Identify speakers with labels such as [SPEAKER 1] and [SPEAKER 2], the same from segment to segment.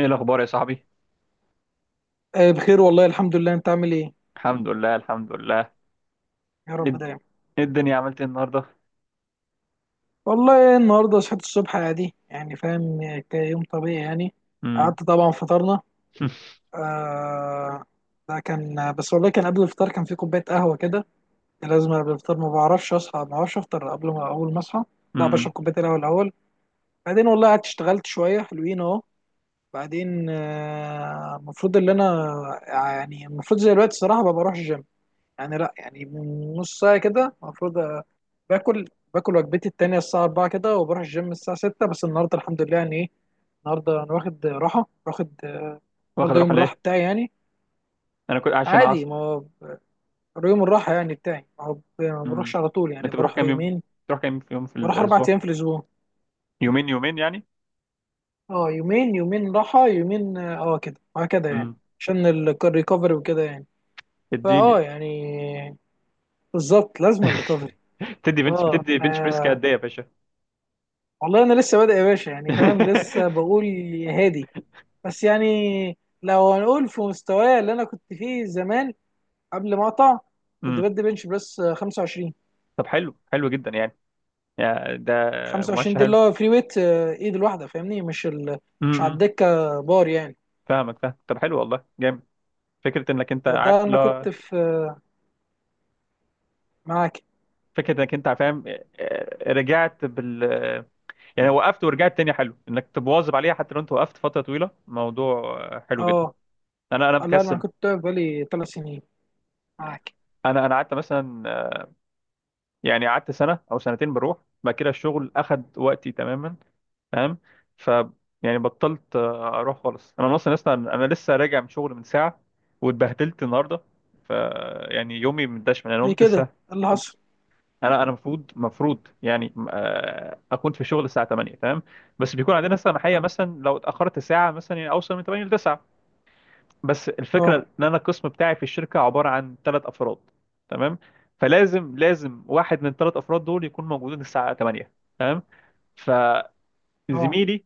[SPEAKER 1] ايه الاخبار يا صاحبي؟
[SPEAKER 2] آه، بخير والله الحمد لله انت عامل ايه؟
[SPEAKER 1] الحمد لله، الحمد لله.
[SPEAKER 2] يا
[SPEAKER 1] ايه
[SPEAKER 2] رب
[SPEAKER 1] الد-
[SPEAKER 2] دايما.
[SPEAKER 1] إيه الدنيا عملت إيه النهارده؟
[SPEAKER 2] والله النهارده صحيت الصبح عادي يعني فاهم، كيوم طبيعي يعني.
[SPEAKER 1] امم.
[SPEAKER 2] قعدت طبعا فطرنا. آه ده كان بس والله، كان قبل الفطار كان في كوبايه قهوه كده. لازم قبل الفطار، ما بعرفش اصحى ما بعرفش افطر قبل ما اول ما اصحى، لا بشرب
[SPEAKER 1] امم.
[SPEAKER 2] كوبايه القهوه الاول. بعدين والله قعدت اشتغلت شويه حلوين اهو. بعدين المفروض ان انا يعني المفروض زي الوقت الصراحه ما بروحش الجيم، يعني لا يعني من نص ساعه كده المفروض باكل. باكل وجبتي التانية الساعة 4 كده وبروح الجيم الساعة 6، بس النهاردة الحمد لله يعني ايه، النهاردة أنا واخد راحة واخد.
[SPEAKER 1] واخد
[SPEAKER 2] النهاردة يوم
[SPEAKER 1] راحه
[SPEAKER 2] الراحة
[SPEAKER 1] ليه؟
[SPEAKER 2] بتاعي يعني.
[SPEAKER 1] انا كنت عشان
[SPEAKER 2] عادي،
[SPEAKER 1] عصر.
[SPEAKER 2] ما هو يوم الراحة يعني بتاعي، ما هو ما بروحش
[SPEAKER 1] امم.
[SPEAKER 2] على طول، يعني
[SPEAKER 1] انت بتروح
[SPEAKER 2] بروح
[SPEAKER 1] كام يوم
[SPEAKER 2] يومين.
[SPEAKER 1] بتروح كام يوم في
[SPEAKER 2] بروح أربع
[SPEAKER 1] الاسبوع؟
[SPEAKER 2] أيام في الأسبوع.
[SPEAKER 1] يومين يومين يعني.
[SPEAKER 2] اه، يومين يومين راحة يومين، اه كده وهكذا يعني.
[SPEAKER 1] امم.
[SPEAKER 2] عشان الريكفري وكده يعني. فاه
[SPEAKER 1] اديني.
[SPEAKER 2] يعني، بالظبط لازم ريكفري. اه
[SPEAKER 1] بتدي بنش بريس
[SPEAKER 2] آه،
[SPEAKER 1] قد ايه يا باشا؟
[SPEAKER 2] والله أنا لسه بادئ يا باشا يعني فاهم، لسه بقول يا هادي. بس يعني لو هنقول في مستواي اللي انا كنت فيه زمان قبل ما اقطع، كنت
[SPEAKER 1] امم.
[SPEAKER 2] بدي بنش بريس 25.
[SPEAKER 1] طب حلو، حلو جدا يعني. يا ده.
[SPEAKER 2] 25
[SPEAKER 1] مؤشر
[SPEAKER 2] دي
[SPEAKER 1] حلو.
[SPEAKER 2] اللي هو فري ويت، ايد الواحده فاهمني، مش مش على
[SPEAKER 1] امم.
[SPEAKER 2] الدكه، بار يعني.
[SPEAKER 1] فاهمك، فاهم. طب حلو، والله جامد. فكره انك انت
[SPEAKER 2] ده
[SPEAKER 1] عارف،
[SPEAKER 2] انا
[SPEAKER 1] لا.
[SPEAKER 2] كنت في، معاك.
[SPEAKER 1] فكره انك انت فاهم، رجعت بال. يعني وقفت ورجعت تاني، حلو انك تبواظب عليها حتى لو انت وقفت فتره طويله. موضوع حلو جدا.
[SPEAKER 2] اه،
[SPEAKER 1] انا
[SPEAKER 2] لا انا
[SPEAKER 1] مكسل.
[SPEAKER 2] كنت واقف بقالي ثلاث سنين معاك.
[SPEAKER 1] انا قعدت مثلا يعني قعدت سنه او سنتين بروح. بعد كده الشغل اخد وقتي تماما، فاهم. ف، يعني بطلت اروح خالص. انا لسه راجع من شغل من ساعه، واتبهدلت النهارده. ف، يعني يومي مدشمل. انا
[SPEAKER 2] ليه
[SPEAKER 1] قمت
[SPEAKER 2] كده،
[SPEAKER 1] الساعه.
[SPEAKER 2] إيه اللي حصل؟
[SPEAKER 1] انا المفروض، يعني اكون في الشغل الساعه 8 تمام. بس بيكون عندنا مثلا محيه، مثلا لو اتاخرت ساعه مثلا يعني اوصل من 8 ل 9. بس الفكره
[SPEAKER 2] اه
[SPEAKER 1] ان انا القسم بتاعي في الشركه عباره عن 3 افراد، تمام. فلازم، واحد من الثلاث افراد دول يكون موجودين الساعه 8، تمام.
[SPEAKER 2] اه
[SPEAKER 1] فزميلي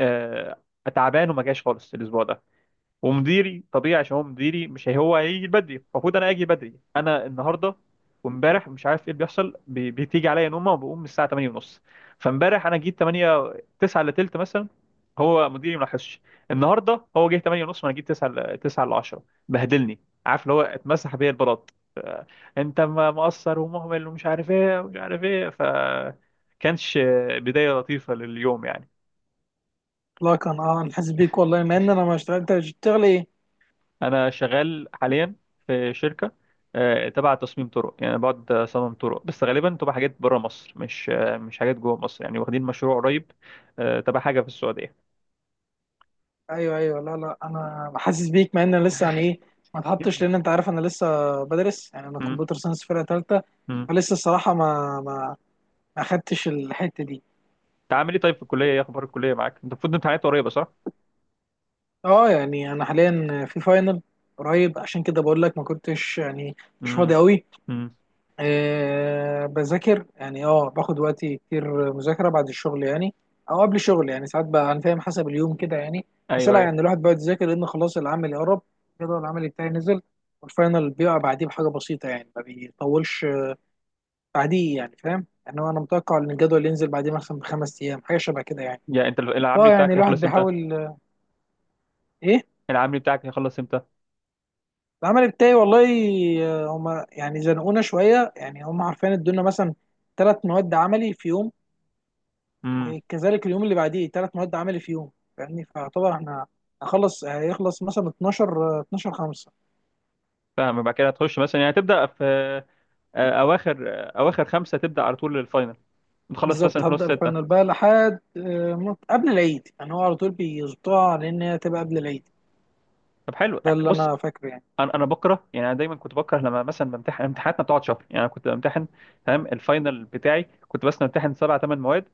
[SPEAKER 1] آه، تعبان وما جاش خالص الاسبوع ده. ومديري طبيعي، عشان هو مديري مش هو هيجي بدري، المفروض انا اجي بدري انا النهارده. وامبارح مش عارف ايه اللي بيحصل بتيجي عليا نومه وبقوم من الساعه 8 ونص. فامبارح انا جيت 8، 9 الا تلت مثلا، هو مديري ما لاحظش. النهارده هو جه 8 ونص وانا جيت 9، 9 الا 10. بهدلني، عارف اللي هو اتمسح بيا البلاط. ف، انت مقصر ومهمل ومش عارف ايه ومش عارف ايه. ف، كانش بدايه لطيفه لليوم يعني.
[SPEAKER 2] لا، كان اه نحس بيك والله مع ان انا ما اشتغلت، انت بتشتغل ايه؟
[SPEAKER 1] انا شغال حاليا في شركه تبع تصميم طرق، يعني أنا بقعد اصمم طرق، بس غالبا تبقى حاجات بره مصر، مش مش حاجات جوه مصر يعني، واخدين مشروع قريب تبع حاجه في السعوديه.
[SPEAKER 2] ايوه ايوه، لا لا انا حاسس بيك مع ان انا لسه يعني ايه، ما اتحطش لان انت عارف انا لسه بدرس يعني، انا
[SPEAKER 1] امم،
[SPEAKER 2] كمبيوتر ساينس فرقه ثالثه.
[SPEAKER 1] امم.
[SPEAKER 2] فلسه الصراحه ما خدتش الحته دي.
[SPEAKER 1] انت عامل ايه طيب في الكليه؟ ايه اخبار الكليه معاك؟ انت المفروض امتحانات قريبه، صح؟
[SPEAKER 2] اه، يعني انا حاليا في فاينل قريب، عشان كده بقول لك ما كنتش يعني مش فاضي
[SPEAKER 1] امم.
[SPEAKER 2] قوي.
[SPEAKER 1] امم.
[SPEAKER 2] أه بذاكر يعني، اه باخد وقتي كتير مذاكرة بعد الشغل يعني، او قبل الشغل يعني ساعات بقى، انا فاهم حسب اليوم كده يعني. بس
[SPEAKER 1] ايوه،
[SPEAKER 2] لا
[SPEAKER 1] ايوه.
[SPEAKER 2] يعني الواحد بيقعد يذاكر لان خلاص العمل يقرب. الجدول العملي بتاعي نزل، والفاينل بيقع بعديه بحاجة بسيطة يعني، ما بيطولش بعديه يعني فاهم، يعني هو انا متوقع ان الجدول ينزل بعديه مثلا بخمس ايام حاجة شبه كده يعني.
[SPEAKER 1] يعني انت
[SPEAKER 2] فاه
[SPEAKER 1] العملي
[SPEAKER 2] يعني
[SPEAKER 1] بتاعك
[SPEAKER 2] الواحد
[SPEAKER 1] هيخلص امتى؟
[SPEAKER 2] بيحاول ايه.
[SPEAKER 1] العملي بتاعك هيخلص امتى؟
[SPEAKER 2] العمل بتاعي والله هما يعني زنقونا شوية يعني، هما عارفين ادونا مثلا ثلاث مواد عملي في يوم،
[SPEAKER 1] امم.
[SPEAKER 2] وكذلك اليوم اللي بعديه ثلاث مواد عملي في يوم. فاهمني، فيعتبر احنا هخلص هيخلص مثلا 12 12 5.
[SPEAKER 1] فاهم. يبقى كده هتخش مثلا، يعني هتبدا في اواخر 5، تبدا على طول الفاينل، تخلص مثلا
[SPEAKER 2] بالظبط
[SPEAKER 1] في نص
[SPEAKER 2] هبدأ
[SPEAKER 1] 6.
[SPEAKER 2] الفاينل بقى لحد قبل العيد يعني، هو على طول بيظبطوها لان هي تبقى قبل العيد.
[SPEAKER 1] طب حلو.
[SPEAKER 2] ده اللي
[SPEAKER 1] بص،
[SPEAKER 2] انا فاكره يعني.
[SPEAKER 1] انا بكره، يعني انا دايما كنت بكره لما مثلا بمتحن. امتحاناتنا بتقعد شهر يعني. انا كنت بمتحن، تمام، الفاينل بتاعي كنت بس بمتحن سبع ثمان مواد،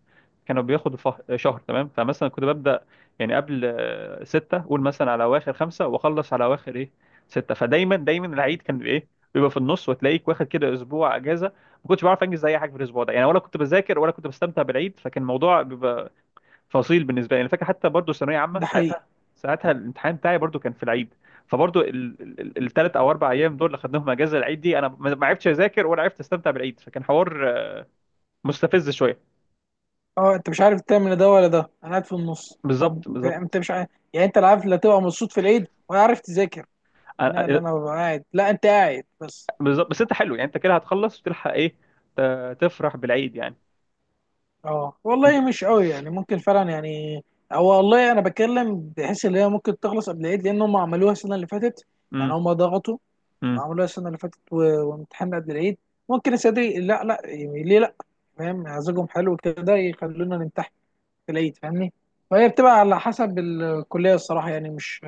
[SPEAKER 1] كانوا بياخدوا شهر تمام. فمثلا كنت ببدا يعني قبل 6، قول مثلا على اواخر 5، واخلص على اواخر ايه، 6. فدايما دايما العيد كان ايه، بيبقى في النص، وتلاقيك واخد كده اسبوع اجازه. ما كنتش بعرف انجز اي حاجه في الاسبوع ده يعني، ولا كنت بذاكر ولا كنت بستمتع بالعيد، فكان الموضوع بيبقى فصيل بالنسبه لي. انا فاكر حتى برضو ثانويه عامه
[SPEAKER 2] ده حقيقي.
[SPEAKER 1] ساعتها، ساعتها الامتحان بتاعي برضو كان في العيد. فبرضو الثلاث او اربع ايام دول اللي خدناهم اجازه العيد دي، انا ما عرفتش اذاكر ولا عرفت استمتع بالعيد، فكان حوار مستفز شويه.
[SPEAKER 2] اه انت مش عارف تعمل ده ولا ده، انا قاعد في النص. طب
[SPEAKER 1] بالظبط،
[SPEAKER 2] انت
[SPEAKER 1] بالظبط.
[SPEAKER 2] مش عارف يعني، انت لا عارف لا تبقى مبسوط في العيد ولا عارف تذاكر،
[SPEAKER 1] أنا-
[SPEAKER 2] منها اللي
[SPEAKER 1] آه،
[SPEAKER 2] انا ببقى قاعد، لا انت قاعد بس.
[SPEAKER 1] بالظبط. بس انت حلو، يعني انت كده هتخلص وتلحق ايه، تفرح بالعيد يعني.
[SPEAKER 2] اه
[SPEAKER 1] انت.
[SPEAKER 2] والله مش قوي يعني، ممكن فعلا يعني. هو والله انا بتكلم بحيث ان هي ممكن تخلص قبل العيد لان هم عملوها السنه اللي فاتت، يعني
[SPEAKER 1] امم،
[SPEAKER 2] هم ضغطوا
[SPEAKER 1] امم.
[SPEAKER 2] وعملوها السنه اللي فاتت و- وامتحان قبل العيد ممكن السنه. لا لا يعني ليه لا، فاهم مزاجهم حلو كده يخلونا نمتحن في العيد فاهمني. فهي بتبقى على حسب الكليه الصراحه، يعني مش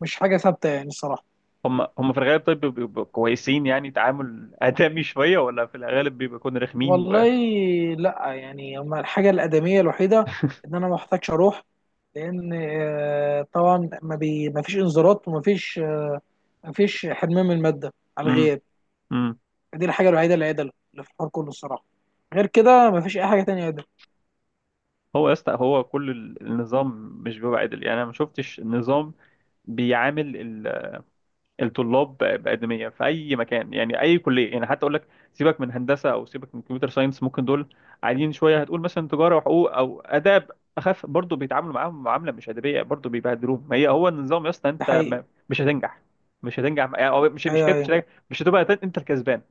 [SPEAKER 2] مش حاجه ثابته يعني الصراحه.
[SPEAKER 1] هم في الغالب طيب، بيبقوا كويسين يعني؟ تعامل آدمي شويه، ولا في الغالب بيبقوا يكونوا رخمين و...
[SPEAKER 2] والله لا يعني، هما الحاجة الآدمية الوحيدة إن أنا ما محتاجش أروح، لأن طبعا ما فيش إنذارات وما فيش، ما فيش حرمان من المادة على الغياب.
[SPEAKER 1] امم.
[SPEAKER 2] دي الحاجة الوحيدة اللي عدل اللي في الحوار كله الصراحة، غير كده ما فيش أي حاجة تانية عدل.
[SPEAKER 1] هو يا اسطى، هو كل النظام مش بيبقى عدل يعني. انا ما شفتش النظام بيعامل الطلاب بأدمية في اي مكان يعني، اي كليه يعني. حتى اقول لك سيبك من هندسه او سيبك من كمبيوتر ساينس ممكن دول عاديين شويه، هتقول مثلا تجاره وحقوق او اداب اخف، برضه بيتعاملوا معاهم معامله مش ادبيه، برضه بيبهدلوهم. ما هي هو النظام يا اسطى،
[SPEAKER 2] ده
[SPEAKER 1] انت
[SPEAKER 2] حقيقي.
[SPEAKER 1] مش هتنجح، مش هتنجح يعني. أو
[SPEAKER 2] أيوه أيوه.
[SPEAKER 1] مش هتبقى انت الكسبان،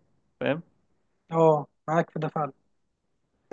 [SPEAKER 2] أه معاك في ده فعلا.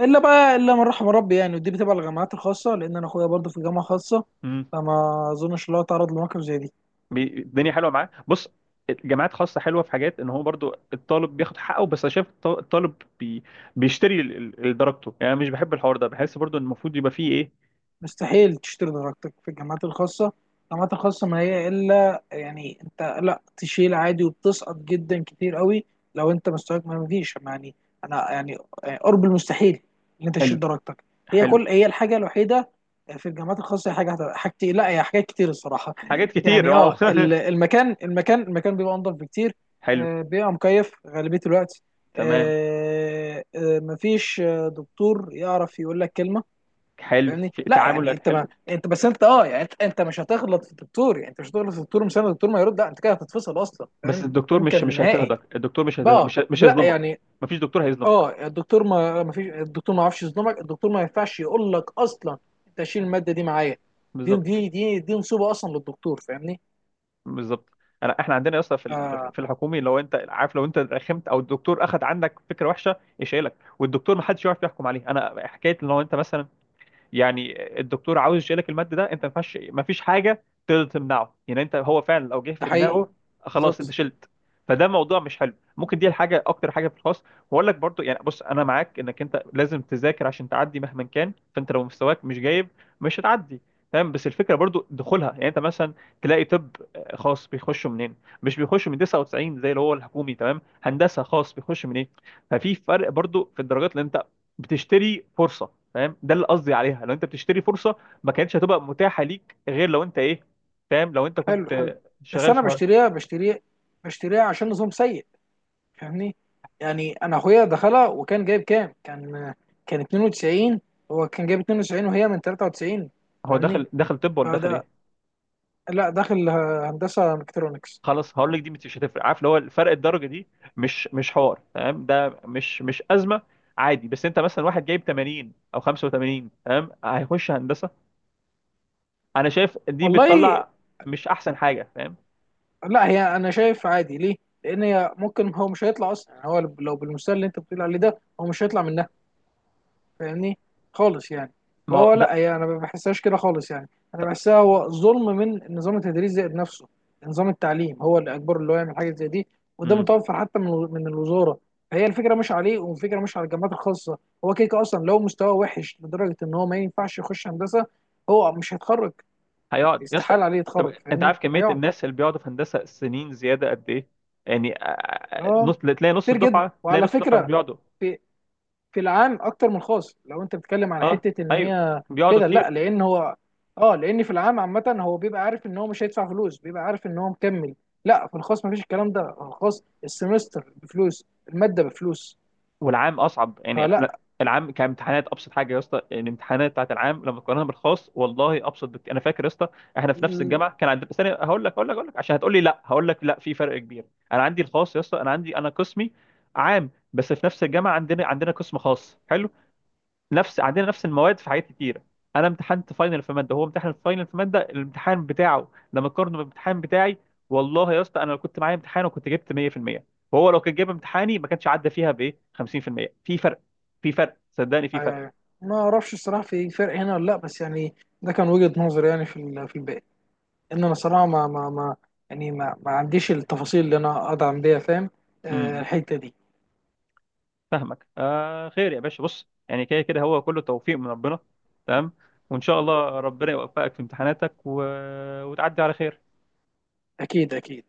[SPEAKER 2] إلا بقى إلا من رحم ربي يعني، ودي بتبقى الجامعات الخاصة، لأن أنا أخويا برضه في جامعة خاصة،
[SPEAKER 1] فاهم.
[SPEAKER 2] فما أظنش إن هو تعرض لمواقف زي دي.
[SPEAKER 1] الدنيا حلوه معاه. بص، الجامعات خاصه حلوه في حاجات، ان هو برضو الطالب بياخد حقه. بس انا شايف الطالب بي، بيشتري درجته يعني. أنا مش بحب الحوار ده، بحس برضو ان المفروض يبقى فيه ايه.
[SPEAKER 2] مستحيل تشتري درجتك في الجامعات الخاصة. الجامعات الخاصة، ما هي إلا يعني أنت لا تشيل عادي، وبتسقط جدا كتير قوي لو أنت مستواك ما فيش يعني. أنا يعني قرب المستحيل إن أنت
[SPEAKER 1] حلو،
[SPEAKER 2] تشيل درجتك. هي
[SPEAKER 1] حلو.
[SPEAKER 2] كل هي الحاجة الوحيدة في الجامعات الخاصة، هي حاجتي، لا هي حاجات كتير الصراحة
[SPEAKER 1] حاجات كتير،
[SPEAKER 2] يعني،
[SPEAKER 1] واو.
[SPEAKER 2] اه المكان بيبقى أنضف بكتير.
[SPEAKER 1] حلو.
[SPEAKER 2] بيبقى مكيف غالبية الوقت.
[SPEAKER 1] تمام.
[SPEAKER 2] مفيش دكتور يعرف يقول لك كلمة.
[SPEAKER 1] حلو،
[SPEAKER 2] فاهمني،
[SPEAKER 1] في
[SPEAKER 2] لا يعني
[SPEAKER 1] تعاملات
[SPEAKER 2] انت، ما
[SPEAKER 1] حلو.
[SPEAKER 2] انت بس انت اه يعني انت مش هتغلط في الدكتور، يعني انت مش هتغلط في الدكتور، مش الدكتور ما يرد، لا انت كده هتتفصل اصلا
[SPEAKER 1] بس
[SPEAKER 2] فاهم.
[SPEAKER 1] الدكتور مش
[SPEAKER 2] يمكن
[SPEAKER 1] مش
[SPEAKER 2] نهائي
[SPEAKER 1] هيضطهدك. الدكتور مش هيض-
[SPEAKER 2] بقى
[SPEAKER 1] مش مش
[SPEAKER 2] لا
[SPEAKER 1] هيظلمك.
[SPEAKER 2] يعني.
[SPEAKER 1] مفيش دكتور هيظلمك.
[SPEAKER 2] اه الدكتور ما فيش، الدكتور ما يعرفش يظلمك، الدكتور ما ينفعش يقول لك اصلا انت شيل الماده دي معايا. دي
[SPEAKER 1] بالظبط،
[SPEAKER 2] دي دي دي نصيبه اصلا للدكتور فاهمني.
[SPEAKER 1] بالظبط. احنا عندنا اصلا في
[SPEAKER 2] آه
[SPEAKER 1] في الحكومي، لو انت عارف، لو انت رخمت او الدكتور اخذ عندك فكره وحشه يشيلك، والدكتور ما حدش يعرف يحكم عليه. انا حكايه لو انت مثلا يعني الدكتور عاوز يشيلك المادة ده، انت ما فيش حاجة تقدر تمنعه. يعني انت هو فعلا لو جه
[SPEAKER 2] ده
[SPEAKER 1] في
[SPEAKER 2] حقيقي.
[SPEAKER 1] دماغه، خلاص انت
[SPEAKER 2] بالظبط.
[SPEAKER 1] شلت. فده موضوع مش حلو، ممكن دي الحاجة اكتر حاجة في الخاص. واقول لك برضو، يعني بص انا معاك انك انت لازم تذاكر عشان تعدي مهما كان، فانت لو مستواك مش جايب مش هتعدي، تمام. بس الفكرة برضو دخولها، يعني انت مثلا تلاقي طب خاص بيخشوا منين؟ مش بيخشوا من 99 زي اللي هو الحكومي، تمام. هندسة خاص بيخش من ايه؟ ففي فرق برضو في الدرجات اللي انت بتشتري فرصة، فاهم، ده اللي قصدي عليها. لو انت بتشتري فرصه ما كانتش هتبقى متاحه ليك غير لو انت ايه، فاهم، لو انت
[SPEAKER 2] حلو حلو.
[SPEAKER 1] كنت
[SPEAKER 2] بس
[SPEAKER 1] شغال
[SPEAKER 2] انا
[SPEAKER 1] في حوار.
[SPEAKER 2] بشتريها عشان نظام سيء فاهمني. يعني انا اخويا دخلها وكان جايب كام، كان كان 92، هو كان جايب 92 وهي من 93
[SPEAKER 1] هو
[SPEAKER 2] فاهمني.
[SPEAKER 1] دخل، طب ولا دخل
[SPEAKER 2] فده،
[SPEAKER 1] ايه؟
[SPEAKER 2] لا داخل هندسه ميكاترونكس.
[SPEAKER 1] خلاص هقول لك، دي مش هتفرق. عارف اللي هو الفرق الدرجه دي مش حوار، تمام، ده مش ازمه عادي. بس انت مثلا واحد جايب 80 او 85، تمام، هيخش هندسه. انا شايف دي
[SPEAKER 2] والله
[SPEAKER 1] بتطلع مش احسن حاجه، فاهم.
[SPEAKER 2] لا، هي انا شايف عادي ليه، لان هي ممكن هو مش هيطلع اصلا يعني، هو لو بالمستوى اللي انت بتقول عليه ده، هو مش هيطلع من، فاهمني، خالص يعني.
[SPEAKER 1] ما هو
[SPEAKER 2] فهو
[SPEAKER 1] ده.
[SPEAKER 2] لا، هي انا ما بحسهاش كده خالص يعني. انا بحسها هو ظلم من نظام التدريس زائد نفسه. نظام التعليم هو اللي اجبره اللي هو يعمل حاجه زي دي، وده متوفر حتى من الوزاره. فهي الفكره مش عليه، والفكره مش على الجامعات الخاصه. هو كيك اصلا، لو مستواه وحش لدرجه ان هو ما ينفعش يخش هندسه، هو مش هيتخرج.
[SPEAKER 1] هيقعد يا اسطى.
[SPEAKER 2] استحاله عليه
[SPEAKER 1] طب
[SPEAKER 2] يتخرج
[SPEAKER 1] انت
[SPEAKER 2] فاهمني،
[SPEAKER 1] عارف كميه
[SPEAKER 2] هيقعد.
[SPEAKER 1] الناس اللي بيقعدوا في هندسه سنين زياده قد ايه؟ يعني آه، آه،
[SPEAKER 2] اه
[SPEAKER 1] نص تلاقي نص
[SPEAKER 2] كتير جدا.
[SPEAKER 1] الدفعه تلاقي
[SPEAKER 2] وعلى
[SPEAKER 1] نص الدفعه
[SPEAKER 2] فكره
[SPEAKER 1] بيقعدوا.
[SPEAKER 2] في العام اكتر من الخاص، لو انت بتتكلم على
[SPEAKER 1] اه،
[SPEAKER 2] حته ان
[SPEAKER 1] ايوه،
[SPEAKER 2] هي
[SPEAKER 1] بيقعدوا
[SPEAKER 2] كده لا،
[SPEAKER 1] كتير.
[SPEAKER 2] لان هو اه، لان في العام عامه هو بيبقى عارف ان هو مش هيدفع فلوس، بيبقى عارف ان هو مكمل. لا في الخاص مفيش الكلام ده، في الخاص السمستر بفلوس، الماده بفلوس.
[SPEAKER 1] والعام اصعب يعني،
[SPEAKER 2] فلا
[SPEAKER 1] لا، العام كامتحانات ابسط حاجه يا اسطى. الامتحانات بتاعت العام لما تقارنها بالخاص، والله ابسط بكتير. انا فاكر يا اسطى، احنا في نفس
[SPEAKER 2] ال-
[SPEAKER 1] الجامعه كان عندنا ثانيه، هقول لك عشان هتقول لي لا، هقول لك لا في فرق كبير. انا عندي الخاص يا اسطى، انا قسمي عام، بس في نفس الجامعه عندنا قسم خاص حلو، عندنا نفس المواد في حاجات كتيره. انا امتحنت فاينل في ماده، هو امتحن فاينل في ماده، الامتحان بتاعه لما قارنه بالامتحان بتاعي، والله يا اسطى، انا لو كنت معايا امتحان وكنت جبت 100%، وهو لو كان جايب امتحاني ما كانش عدى فيها بايه 50% في المية. في فرق، في فرق صدقني، في فرق.
[SPEAKER 2] آه، ما اعرفش الصراحه في فرق هنا ولا لا، بس يعني ده كان وجهه نظري يعني في في الباقي. ان انا صراحه ما يعني ما عنديش التفاصيل اللي انا ادعم بيها فاهم،
[SPEAKER 1] امم.
[SPEAKER 2] الحته دي.
[SPEAKER 1] فاهمك. خير يا باشا. بص يعني، كده كده هو كله توفيق من ربنا، تمام. وان شاء الله ربنا يوفقك في امتحاناتك، و... وتعدي على خير.
[SPEAKER 2] اكيد اكيد.